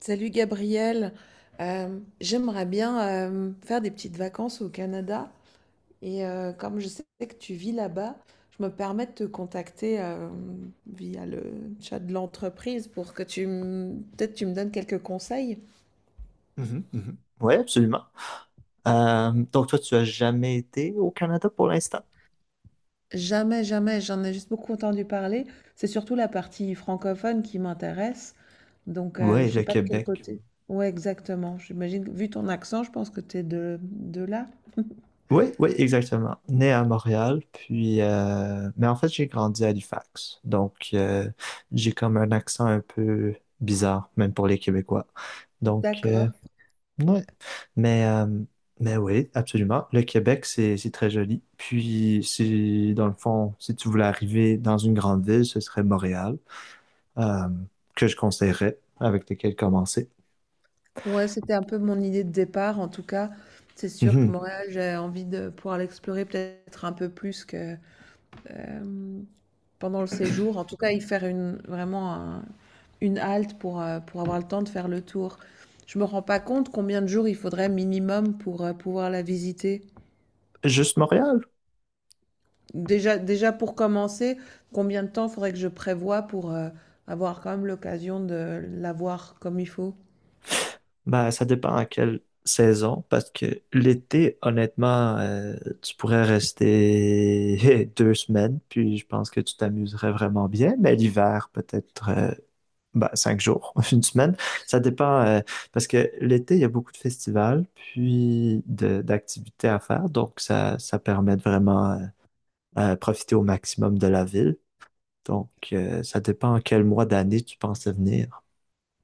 Salut Gabriel, j'aimerais bien faire des petites vacances au Canada et comme je sais que tu vis là-bas, je me permets de te contacter via le chat de l'entreprise pour que peut-être tu me donnes quelques conseils. Mhm, mhm. Oui, absolument. Donc, toi, tu as jamais été au Canada pour l'instant? Jamais, jamais, j'en ai juste beaucoup entendu parler. C'est surtout la partie francophone qui m'intéresse, donc Oui, je le sais pas de quel Québec. côté. Ouais, exactement. J'imagine que vu ton accent, je pense que tu es de là. Oui, oui, exactement. Né à Montréal, puis, mais en fait, j'ai grandi à Halifax. Donc, j'ai comme un accent un peu bizarre, même pour les Québécois. Donc, D'accord. ouais. Mais, euh, mais oui, absolument. Le Québec, c'est très joli. Puis, si, dans le fond, si tu voulais arriver dans une grande ville, ce serait Montréal. Euh, que je conseillerais, avec lesquels commencer. Ouais, c'était un peu mon idée de départ en tout cas. C'est sûr que Mhm. Montréal, j'ai envie de pouvoir l'explorer peut-être un peu plus que euh, pendant le séjour. En tout cas, y faire une halte pour avoir le temps de faire le tour. Je me rends pas compte combien de jours il faudrait minimum pour pouvoir la visiter. Juste Montréal? Déjà, déjà pour commencer, combien de temps faudrait que je prévoie pour avoir quand même l'occasion de la voir comme il faut? Ben, ça dépend à quelle saison, parce que l'été, honnêtement, tu pourrais rester deux semaines, puis je pense que tu t'amuserais vraiment bien, mais l'hiver, peut-être ben, cinq jours, une semaine. Ça dépend, parce que l'été, il y a beaucoup de festivals, puis d'activités à faire, donc ça permet de vraiment profiter au maximum de la ville. Donc, ça dépend quel mois d'année tu pensais venir.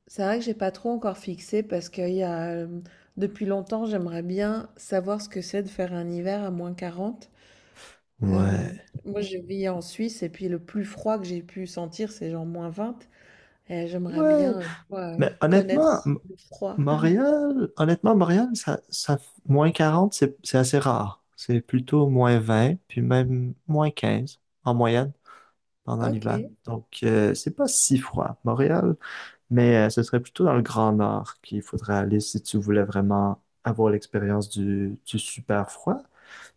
C'est vrai que j'ai pas trop encore fixé parce qu'il y a, depuis longtemps, j'aimerais bien savoir ce que c'est de faire un hiver à moins 40. Euh, Ouais, moi, je vis en Suisse et puis le plus froid que j'ai pu sentir, c'est genre moins vingt. Et j'aimerais ouais. bien, tu vois, Mais honnêtement, connaître le froid. Montréal, honnêtement, Montréal, ça, moins 40 c'est assez rare. C'est plutôt moins 20 puis même moins 15 en moyenne pendant Ok. l'hiver. Donc, c'est pas si froid, Montréal, mais ce serait plutôt dans le Grand Nord qu'il faudrait aller si tu voulais vraiment avoir l'expérience du super froid.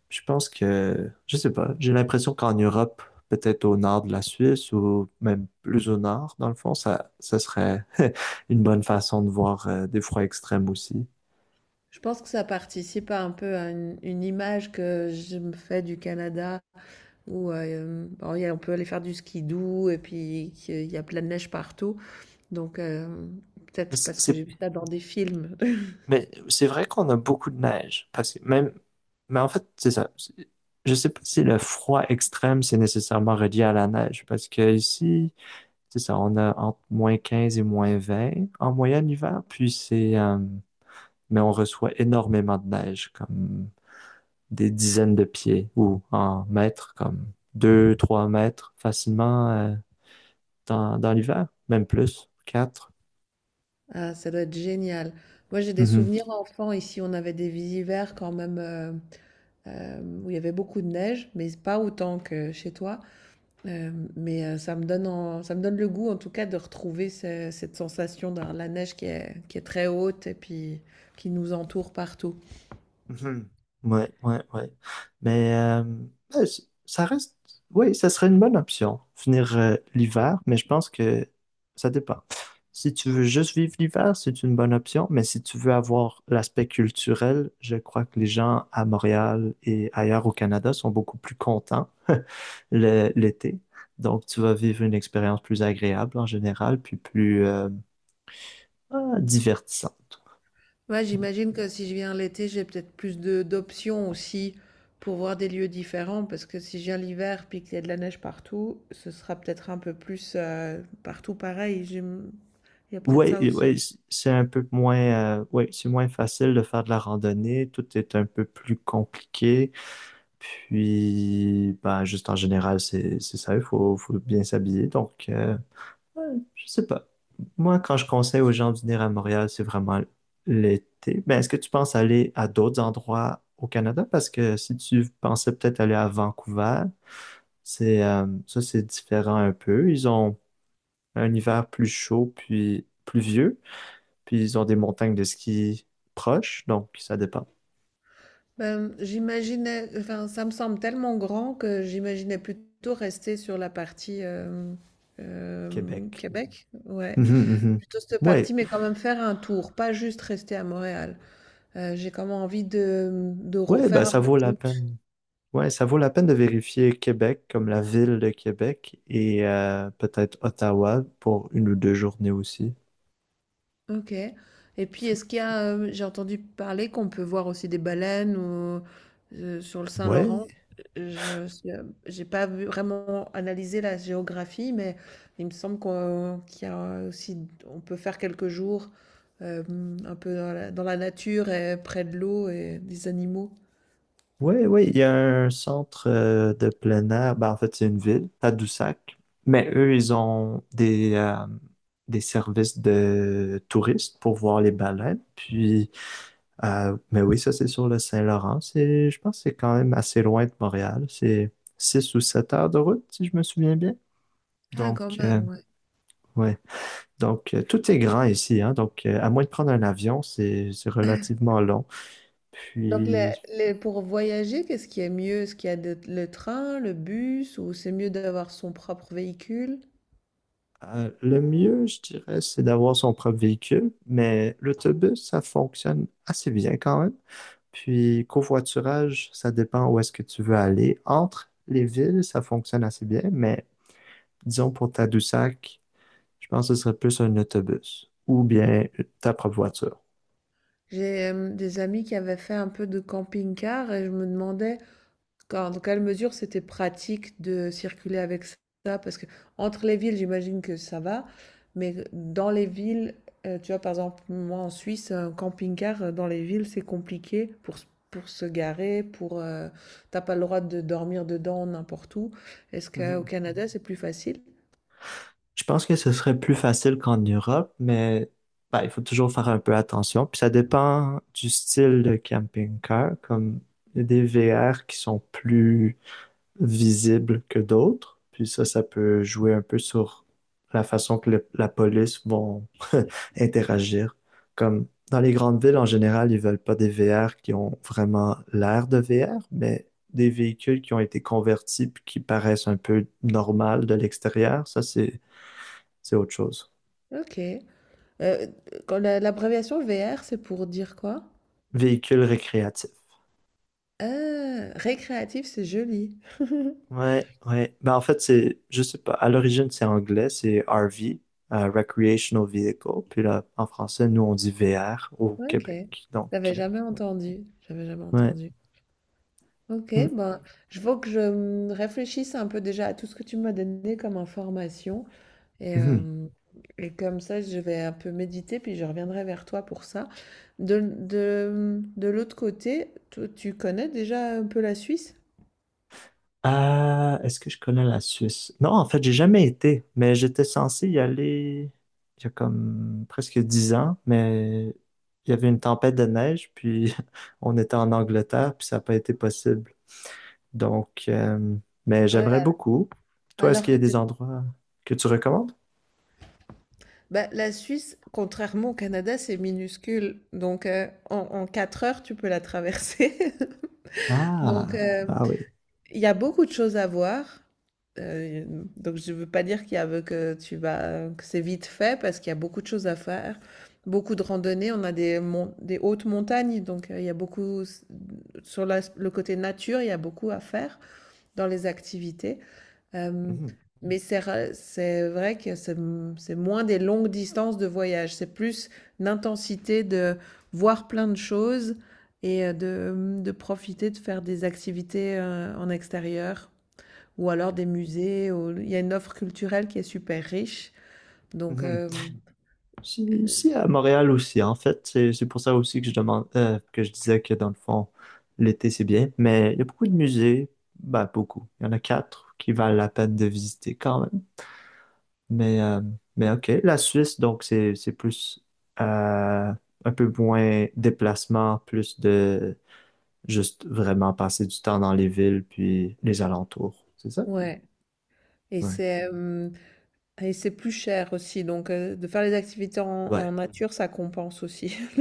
Je pense que, je sais pas, j'ai l'impression qu'en Europe, peut-être au nord de la Suisse ou même plus au nord, dans le fond, ça serait une bonne façon de voir des froids extrêmes aussi. Je pense que ça participe à un peu à une image que je me fais du Canada où bon, on peut aller faire du ski doux et puis qu'il y a plein de neige partout. Donc, Mais peut-être c'est, parce que c'est- j'ai vu ça dans des films. mais c'est vrai qu'on a beaucoup de neige, parce que même, mais en fait, c'est ça. Je sais pas si le froid extrême, c'est nécessairement relié à la neige, parce que ici, c'est ça, on a entre moins 15 et moins 20 en moyenne l'hiver, puis mais on reçoit énormément de neige, comme des dizaines de pieds ou en mètres, comme deux, trois mètres facilement dans l'hiver, même plus, quatre. Ah, ça doit être génial. Moi, j'ai des Mhm. souvenirs enfants. Ici, on avait des hivers quand même, où il y avait beaucoup de neige, mais pas autant que chez toi. Euh, mais ça me donne ça me donne le goût, en tout cas, de retrouver cette sensation de la neige qui est très haute et puis qui nous entoure partout. Mhm. Ouais, ouais, ouais. Mais ouais, ça reste, oui, ça serait une bonne option, venir l'hiver, mais je pense que ça dépend. Si tu veux juste vivre l'hiver, c'est une bonne option, mais si tu veux avoir l'aspect culturel, je crois que les gens à Montréal et ailleurs au Canada sont beaucoup plus contents l'été. Donc, tu vas vivre une expérience plus agréable en général, puis plus divertissante. Ouais, j'imagine que si je viens l'été, j'ai peut-être plus de d'options aussi pour voir des lieux différents, parce que si je viens l'hiver puis qu'il y a de la neige partout, ce sera peut-être un peu plus, partout pareil. Il y a peut-être Ouais, ça et aussi. ouais, c'est un peu moins, ouais, c'est moins facile de faire de la randonnée. Tout est un peu plus compliqué. Puis, bah, juste en général, c'est ça. Il faut bien s'habiller. Donc, je sais pas. Moi, quand je conseille aux gens de venir à Montréal, c'est vraiment l'été. Mais est-ce que tu penses aller à d'autres endroits au Canada? Parce que si tu pensais peut-être aller à Vancouver, ça, c'est différent un peu. Ils ont un hiver plus chaud puis pluvieux. Puis ils ont des montagnes de ski proches, donc ça dépend. Ben, j'imaginais, enfin, ça me semble tellement grand que j'imaginais plutôt rester sur la partie Québec. Québec. Ouais, Mhm, mhm. plutôt cette partie, Ouais, mais quand même faire un tour, pas juste rester à Montréal. J'ai comme envie ouais, bah faire un ça peu vaut de la route. peine. Ouais, ça vaut la peine de vérifier Québec comme la ville de Québec et peut-être Ottawa pour une ou deux journées aussi. OK. Et puis C'est- est-ce qu'il y a, j'ai entendu parler qu'on peut voir aussi des baleines ou, sur le Ouais, Saint-Laurent. Je sais, j'ai pas vu vraiment analysé la géographie, mais il me semble qu'il y a aussi on peut faire quelques jours, un peu dans la nature et près de l'eau et des animaux. ouais, ouais. Il y a un centre de plein air. Ben, en fait, c'est une ville, Tadoussac. Mais eux, ils ont des services de touristes pour voir les baleines. Puis mais oui, ça c'est sur le Saint-Laurent. Je pense que c'est quand même assez loin de Montréal. C'est 6 ou 7 heures de route, si je me souviens bien. Ah quand Donc, même, ouais. ouais. Donc, tout est grand ici, hein. Donc, à moins de prendre un avion, c'est relativement long. Donc les Puis, les pour voyager, qu'est-ce qui est mieux? Est-ce qu'il y a de le train, le bus ou c'est mieux d'avoir son propre véhicule? Le mieux, je dirais, c'est d'avoir son propre véhicule, mais l'autobus, ça fonctionne assez bien quand même. Puis, covoiturage, ça dépend où est-ce que tu veux aller. Entre les villes, ça fonctionne assez bien, mais disons pour Tadoussac, je pense que ce serait plus un autobus ou bien ta propre voiture. J'ai, des amis qui avaient fait un peu de camping-car et je me demandais d'accord, dans quelle mesure c'était pratique de circuler avec ça? Parce que entre les villes, j'imagine que ça va, mais dans les villes, tu vois, par exemple, moi en Suisse, un camping-car dans les villes, c'est compliqué pour, pour se garer, pour t'as pas le droit de dormir dedans n'importe où. Est-ce qu'au Mhm. Canada, c'est plus facile? Je pense que ce serait plus facile qu'en Europe, mais bah, il faut toujours faire un peu attention. Puis ça dépend du style de camping-car, comme il y a des VR qui sont plus visibles que d'autres. Puis ça peut jouer un peu sur la façon que la police vont interagir. Comme dans les grandes villes, en général, ils veulent pas des VR qui ont vraiment l'air de VR, mais des véhicules qui ont été convertis puis qui paraissent un peu normal de l'extérieur. Ça, c'est autre chose. Ok. Euh, quand l'abréviation VR, c'est pour dire quoi? Véhicule récréatif. Ah, récréatif, c'est joli. Ouais, ouais. Ben, en fait, c'est, je sais pas, à l'origine, c'est anglais, c'est RV, Recreational Vehicle. Puis là, en français, nous, on dit VR au Ok. Québec. Donc, J'avais jamais entendu. J'avais jamais ouais. entendu. Ok, Mm, ben, je faut que je réfléchisse un peu déjà à tout ce que tu m'as donné comme information et, mhm. euh, et comme ça je vais un peu méditer puis je reviendrai vers toi pour ça. De l'autre côté, toi, tu connais déjà un peu la Suisse? Ah, est-ce que je connais la Suisse? Non, en fait, j'ai jamais été, mais j'étais censé y aller il y a comme presque 10 ans, mais il y avait une tempête de neige, puis on était en Angleterre, puis ça n'a pas été possible. Donc, mais j'aimerais Ouais. beaucoup. Toi, est-ce Alors qu'il y a que des tu... endroits que tu recommandes? Bah, la Suisse, contrairement au Canada, c'est minuscule. Donc, en, en 4 heures, tu peux la traverser. Donc, Ah, ah oui. il y a beaucoup de choses à voir. Euh, donc, je ne veux pas dire qu'il y a, que tu vas, que c'est vite fait parce qu'il y a beaucoup de choses à faire. Beaucoup de randonnées. On a des, des hautes montagnes. Donc, il y a beaucoup, sur le côté nature, il y a beaucoup à faire dans les activités. Euh, Mhm, mais c'est c'est vrai que c'est moins des longues distances de voyage, c'est plus une intensité de voir plein de choses et, de profiter de faire des activités en extérieur ou alors des musées. Il y a une offre culturelle qui est super riche. Donc, mhm. Mhm. Si, si, à Montréal aussi, en fait. C'est pour ça aussi que je demande, que je disais que dans le fond, l'été, c'est bien. Mais il y a beaucoup de musées. Ben, beaucoup. Il y en a 4 qui valent la peine de visiter quand même. Mais, euh, mais OK. La Suisse, donc, c'est plus, euh, un peu moins déplacement, plus de juste vraiment passer du temps dans les villes puis les alentours. C'est ça? Ouais. Et Ouais. c'est euh, et c'est plus cher aussi. Donc, de faire les activités en Ouais. nature, ça compense aussi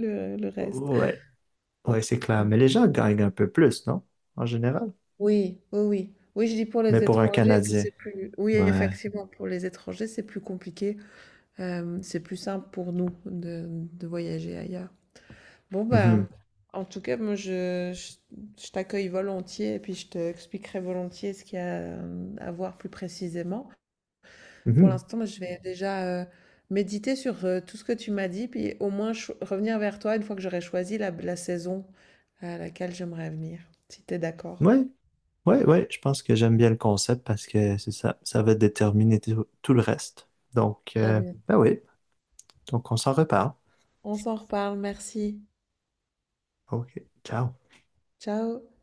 le reste. Ouais. Ouais, c'est clair. Mais les gens gagnent un peu plus, non? En général. Oui, oui, oui. Oui, je dis pour Mais les pour un étrangers que Canadien. c'est plus... Oui, Ouais. effectivement, pour les étrangers, c'est plus compliqué. C'est plus simple pour nous de voyager ailleurs. Bon, ben, Mhm. en tout cas, moi, je t'accueille volontiers et puis je t'expliquerai volontiers ce qu'il y a à voir plus précisément. Pour Mhm. l'instant, moi, je vais déjà méditer sur tout ce que tu m'as dit, puis au moins revenir vers toi une fois que j'aurai choisi la saison à laquelle j'aimerais venir, si tu es d'accord. Ouais. Ouais, ouais. Je pense que j'aime bien le concept parce que c'est ça. Ça va déterminer tout le reste. Donc, À bientôt. ben oui. Donc, on s'en reparle. On s'en reparle, merci. OK. Ciao. Ciao.